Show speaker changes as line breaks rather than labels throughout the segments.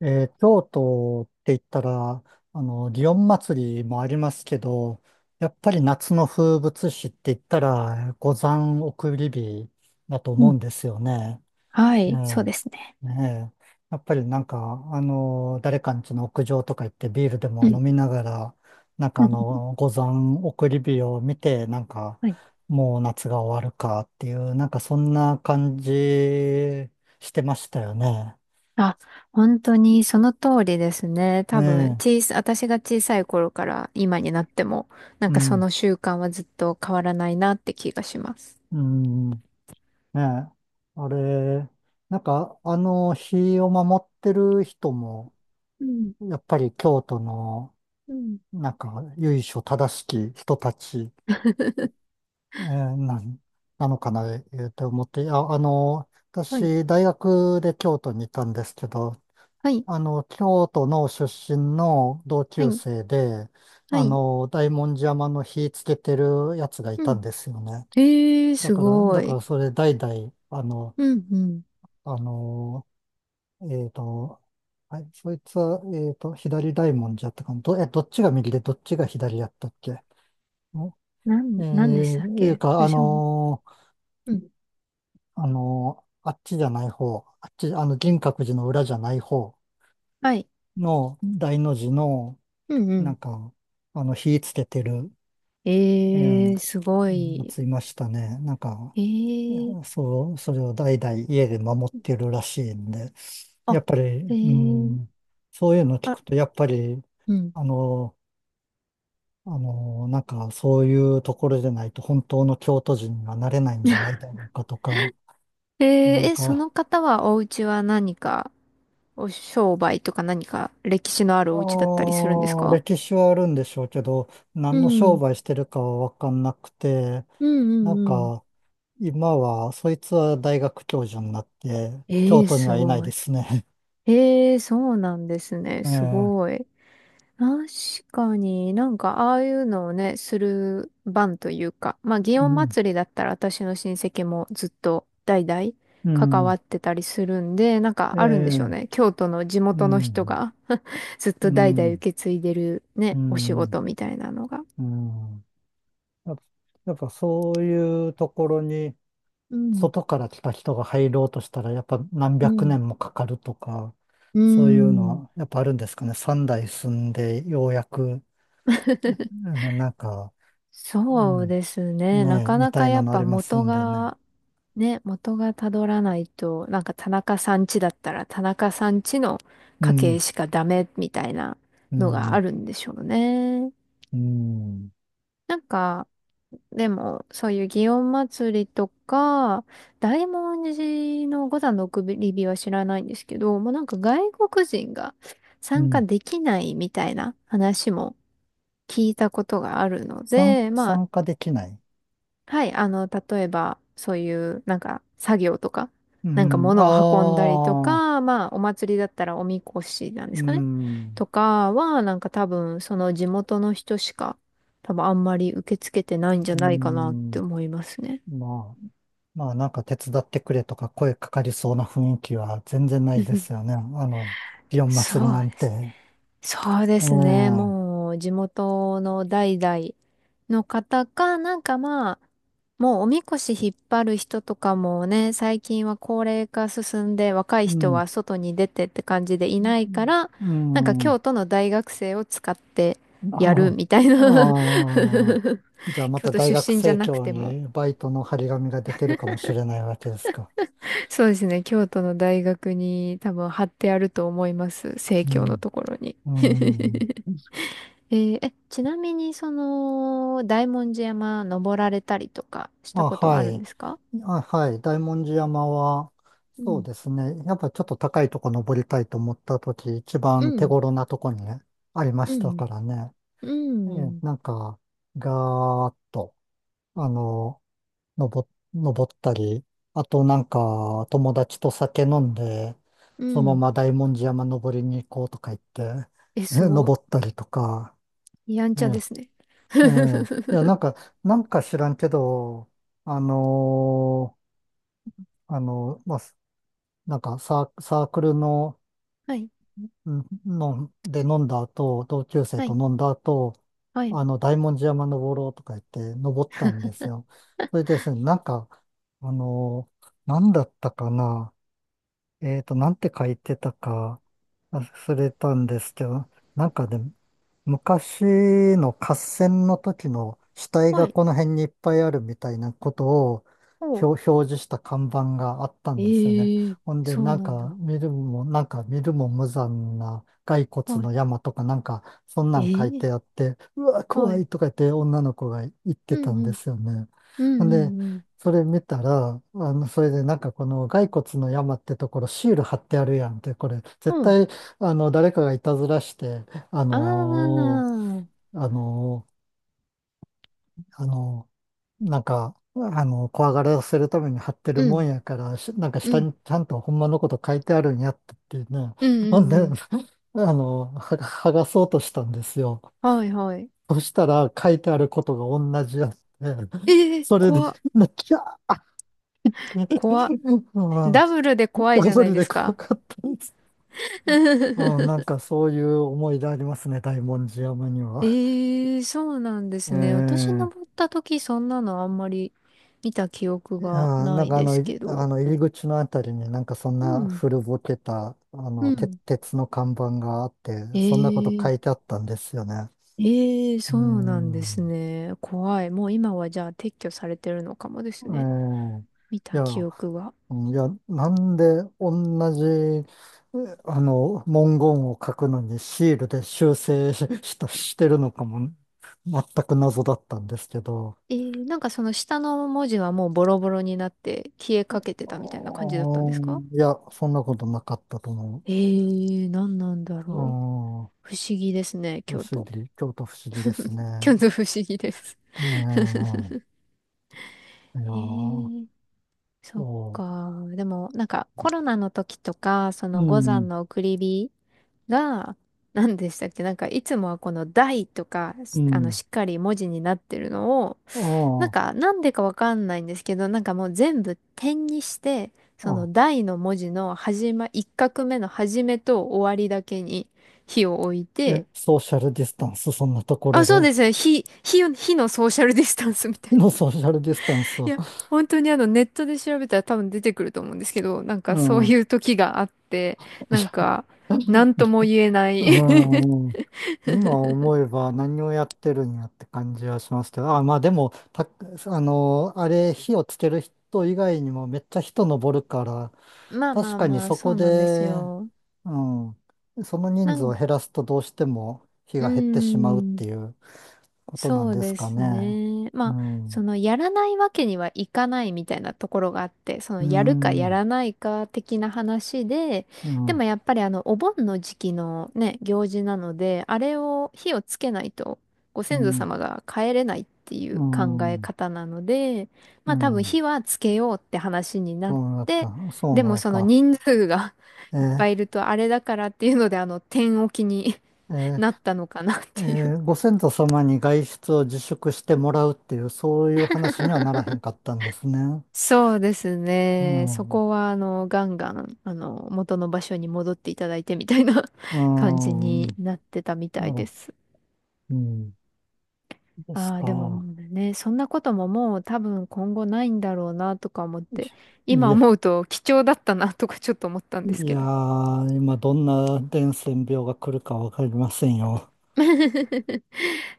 京都って言ったら、祇園祭りもありますけど、やっぱり夏の風物詩って言ったら、五山送り火だと
う
思う
ん。
んですよね。
はい。そう
ね
ですね。
え、ねえ。やっぱりなんか、誰かん家の屋上とか行ってビールで
う
も
ん。
飲みながら、なん か
うん
五山送り火を見て、なんか、
はい。
もう夏が終わるかっていう、なんかそんな感じしてましたよね。
あ、本当にその通りですね。
え
多分、
え、
私が小さい頃から今になっても、なん
う
かそ
ん。
の習慣はずっと変わらないなって気がします。
うん、ねえ。あれ、なんか、日を守ってる人も、
うん。
やっぱり京都の、
うん。
なんか、由緒正しき人たち、えーなん、なのかな、えーって思って、あ、
はい。
私、大学で京都にいたんですけど、
はい、
京都の出身の同
は
級
い、
生で、
はい。
大文字山の火つけてるやつがい
う
た
ん。
んですよね。
ええー、
だ
す
から、
ご
だか
い。
らそれ代々、
うん、うん。
あの、えっと、はい、そいつは、左大文字やったかな。どっちが右でどっちが左やったっけ
な
ん
ん、なんでし
え
たっ
いう
け
か、
私も。うん。
あっちじゃない方、あっち、銀閣寺の裏じゃない方
はい。
の大の字の、
うん、う
なん
ん。
か、火つけてる、うん、
ええー、すご
や
い。
ついましたね。なんか、
ええー。
そう、それを代々家で守ってるらしいんで、や
あ、
っぱり、
ええ
う
ー、
ん、そういうの聞
あ、
くと、やっぱり、
うん。
あのーなんかそういうところでないと本当の京都人がなれないんじゃない だろうかとか、
えー
なん
え、そ
か、
の方はお家は何か、お商売とか何か歴史のあるお家だったりするんですか。
歴史はあるんでしょうけど、
う
何の商
ん。
売してるかはわかんなくて、
うんう
なん
んうん。
か今は、そいつは大学教授になって、京
えー、
都に
す
はいない
ご
で
い。
すね。
ええー、そうなんですね。
え
す
え、
ごい。確かになんかああいうのをね、する番というか、まあ祇
う
園
ん、
祭だったら私の親戚もずっと代々
う
関わ
ん、
ってたりするんで、なん
え
かあるんでしょう
え、
ね。京都の地
う
元の人
ん、
が ずっ
う
と代々受
ん、
け継いでる
う
ね、お仕
ん、
事みたいなのが。
うん。やっぱやっぱそういうところに、
うん、
外から来た人が入ろうとしたら、やっぱ何
う
百
ん、
年もかかるとか、
うー
そういうの
ん。
はやっぱあるんですかね。三代住んでようやく、う んなんか、う
そう
ん、
ですね。な
ねえ、
か
み
な
た
か
い
や
な
っ
のあ
ぱ
ります
元
んでね。
が、ね、元がたどらないと、なんか田中さん家だったら田中さん家の
う
家系
ん、
しかダメみたいな
う
のがあ
ん、
るんでしょうね。
うん、
なんか、でも、そういう祇園祭りとか、大文字の五山の送り火は知らないんですけど、もうなんか外国人が
う
参加
ん。
できないみたいな話も聞いたことがあるので、まあ
参加できない。
はい、あの、例えば、そういう、なんか、作業とか、
う
なんか物を運んだりと
ん、ああ、
か、まあ、お祭りだったらおみこしなんで
う
すかね。
ん、
とかは、なんか多分、その地元の人しか、多分あんまり受け付けてないんじゃ
う
ないかなって
ん。
思いますね。
まあ、まあなんか手伝ってくれとか声かかりそうな雰囲気は全然ないですよ ね。の、祇園祭
そう
なん
で
て。
すね。そうで
ええ、う
すね。
ん、
もう地元の代々の方か、なんかまあ、もうおみこし引っ張る人とかもね、最近は高齢化進んで若い人は
う
外に出てって感じでいないから、
ん、
なんか
うん
京都の大学生を使ってやるみたいな
ああ、じゃあ ま
京
た
都
大学
出身じゃ
生
なく
協
ても。
にバイトの張り紙が出てるかもしれないわけですか。
そうですね。京都の大学に多分貼ってあると思います。生
う
協の
ん、
ところに。
うん、
えーえ、ちなみに、その、大文字山登られたりとかした
あ、
ことは
は
あるん
い。
ですか。
あ、はい。大文字山は、
う
そう
ん、
ですね。やっぱちょっと高いとこ登りたいと思ったとき、一
う
番手
ん、
頃なとこにね、ありまし
う
た
ん、
からね。
う
ええ、
ん、
なんか、ガーッと、あの、登、登ったり、あとなんか友達と酒飲んで、
う
その
ん。
まま大文字山登りに行こうとか言って、
え、すご
登ったりとか、
い。やん
え
ちゃで
え、
すね。
ええ、いや、な んか、なんか知らんけど、あのーまあ、なんかサークルの
はい、
うんので飲んだ後、同級生
は
と
い、
飲んだ後、
はい、
大文字山登ろうとか言って登ったんですよ。それでですね、なんか、あの、なんだったかな。なんて書いてたか忘れたんですけど、なんかで、昔の合戦の時の死体
は
が
い。
この辺にいっぱいあるみたいなことを
おう。
表示した看板があった
え
んですよね。
ー、
ほんで、
そうなんだ。
なんか見るも無残な骸骨
はい。
の山とかなんか、そんな
え
ん書い
ー、
てあって、うわ、
は
怖
い。
いとか言って女の子が言って
う
たん
ん、う
で
ん、
すよね。
う
ほんで、
ん、うん、う
それ見たら、それでなんかこの骸骨の山ってところシール貼ってあるやんって、これ絶
ん。うん。
対、誰かがいたずらして、あ
あ
の
ー。
ーあのーあのなんか、怖がらせるために貼ってる
う
も
ん、
んやから、なんか
う
下
ん、
にちゃんとほんまのこと書いてあるんやってっていうね。
うん、
なん
うん、
で、
うん。
あのーは剥がそうとしたんですよ。
はい、はい。
そしたら書いてあることが同じやって、
えー、
それで、
怖っ。
なきゃ
怖っ。
ああ、
ダブルで怖い
ダ
じゃ
ブ
ない
ル
で
で
す
怖
か。
かったです。うん、なん かそういう思い出ありますね、大文字山には。
ええ、そうなんですね。私
え
登
え
った時そんなのあんまり見た記憶がな
なん
い
か
です
い
け
あ
ど。
の入り口のあたりになんかそん
う
な
ん。
古ぼけた、
うん。
鉄の看板があって、そんなこと書
え
い
え、
てあったんですよね。
ええ、
うー
そうなんです
ん。
ね。怖い。もう今はじゃあ撤去されてるのかもで
え
すね。見
い
た
や、
記憶が。
うんいや、なんで同じ、えあの、文言を書くのにシールで修正し、してるのかも、全く謎だったんですけど、
えー、なんかその下の文字はもうボロボロになって消えかけてたみたいな感じ
あ
だったんですか。
いや、そんなことなかったと思う。
ええ、なんなんだろう。
う
不思議ですね、
ん、
京
不思
都。
議、京都不思議です
日
ね。
の不思議です。
ねえ、いや
へ
ー、
え、そっ
そ
か。でも、なんかコロナの時とか、そ
う、う
の五
ん、
山の送り火が、何でしたっけ、なんかいつもはこの台とか、
う
あの、
ん、
しっかり文字になってるのを、なん
あ
かなんでかわかんないんですけど、なんかもう全部点にして、
あ、
そ
あ、
の台の文字の一画目の始めと終わりだけに火を置いて、
ソーシャルディスタンス、そんなところ
あ、そう
で、
ですね。火、火、火のソーシャルディスタンスみたいな。
のソーシャルディスタンス
い
を、
や、本当にあのネットで調べたら多分出てくると思うんですけど、なんか
う
そうい
ん。
う時があって、なん か、なんとも言えない。
うん、今思えば何をやってるんやって感じはしますけど、あ、まあでも、あれ、火をつける人以外にもめっちゃ人登るから、
まあま
確
あ
かに
まあ、
そ
そ
こ
うなんです
で、
よ。
うん、その人
な
数を
ん、
減らすとどうしても火
うー
が減ってしまうってい
ん。
うことな
そ
ん
う
です
で
か
す
ね。
ね。ま
う
あ、そ
ん、
のやらないわけにはいかないみたいなところがあって、その
う
やるかや
ん、
らないか的な話で、
うん、
で
うん、
もやっぱりあのお盆の時期のね、行事なので、あれを火をつけないとご
う
先祖
ん、
様が帰れないっていう
う
考え
ん、
方なので、
う
まあ多分
ん
火はつけようって話になっ
そうだっ
て、
た。そう
で
なん
も
です
その
か。
人数が
え
いっぱい
ー
いるとあれだからっていうので、あの、天置きに
え ー
なったのかなっ
え
ていう。
ご先祖様に外出を自粛してもらうっていう、そういう話にはならへんかったんですね。
そうです
う
ね。そ
ん。
こは、あの、ガンガン、あの、元の場所に戻っていただいてみたいな。
う
感じ
ん。
になってたみた
な
い
ら、
です。
うん。です
ああ、でもも
か。
うね、そんなことももう多分今後ないんだろうなとか思って、
い
今
や、
思うと貴重だったなとかちょっと思ったんです
い
け
や
ど。
ー、今どんな伝染病が来るかわかりませんよ。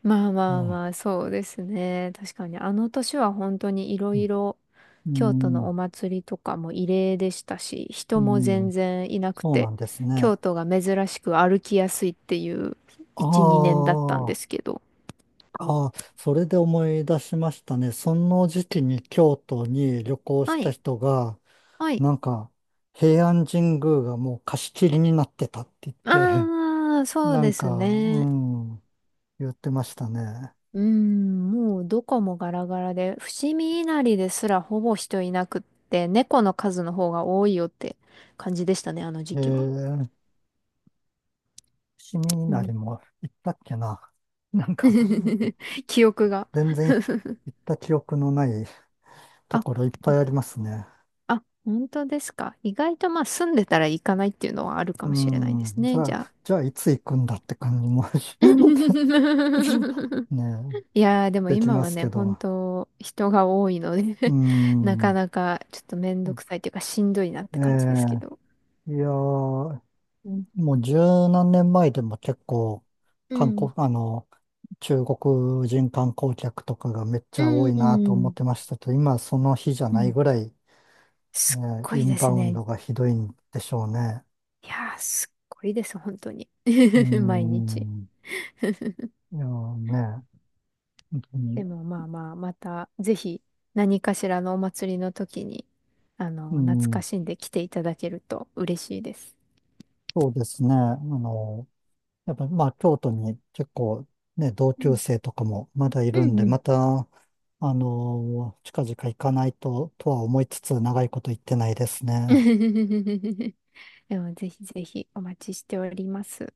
まあ
う
まあ
ん。
まあ、そうですね。確かに、あの年は本当にいろいろ、
う
京都の
ん。
お祭りとかも異例でしたし、
う
人も全
ん。
然いなく
そう
て、
なんですね。
京都が珍しく歩きやすいっていう
あ
1、2年だったんで
あ。
すけど。
ああ、それで思い出しましたね。その時期に京都に旅行し
は
た
い、
人が、
はい。
なんか、平安神宮がもう貸し切りになってたって言って、
ああ、そう
な
で
ん
す
か、う
ね。
ん、言ってましたね。
うん、もうどこもガラガラで、伏見稲荷ですらほぼ人いなくって、猫の数の方が多いよって感じでしたね、あの
え
時期は。
ー、伏見稲荷も行ったっけな。なんか、
記憶が。
全然行った記憶のないと
あ、
ころいっぱいありますね。
あ、本当ですか。意外とまあ住んでたら行かないっていうのはある
う
かもしれないです
ん、じ
ね。
ゃ
じ
あ、
ゃあ。
じゃあいつ行くんだって感じも ね、
いやーでも
でき
今
ま
は
す
ね、
け
本
ど。
当人が多いの
う
で なか
ん、
なかちょっとめんどくさいというかしんどいなって
え
感じですけど。
えいやー、うんもう十何年前でも結構、
う
観
ん。
光、あの、中国人観光客とかがめっちゃ多
う
いなと思っ
ん。
てましたけど、今その日じゃ
う
ない
ん。
ぐらい、
すっ
ね、
ご
イ
い
ン
で
バ
す
ウン
ね。
ドがひどいんでしょうね。
いやーすっごいです、本当に。
うー
毎日。
ん、いやーね、本当
で
に、
もまあまあ、またぜひ何かしらのお祭りの時に、あ
う
の、懐か
ん、
しんで来ていただけると嬉しいです。
そうですね、やっぱまあ京都に結構ね、同
う
級
ん。
生とかもまだい
う
るん
ん
で、
うん。
また、近々行かないととは思いつつ長いこと行ってないです ね。
でもぜひぜひお待ちしております。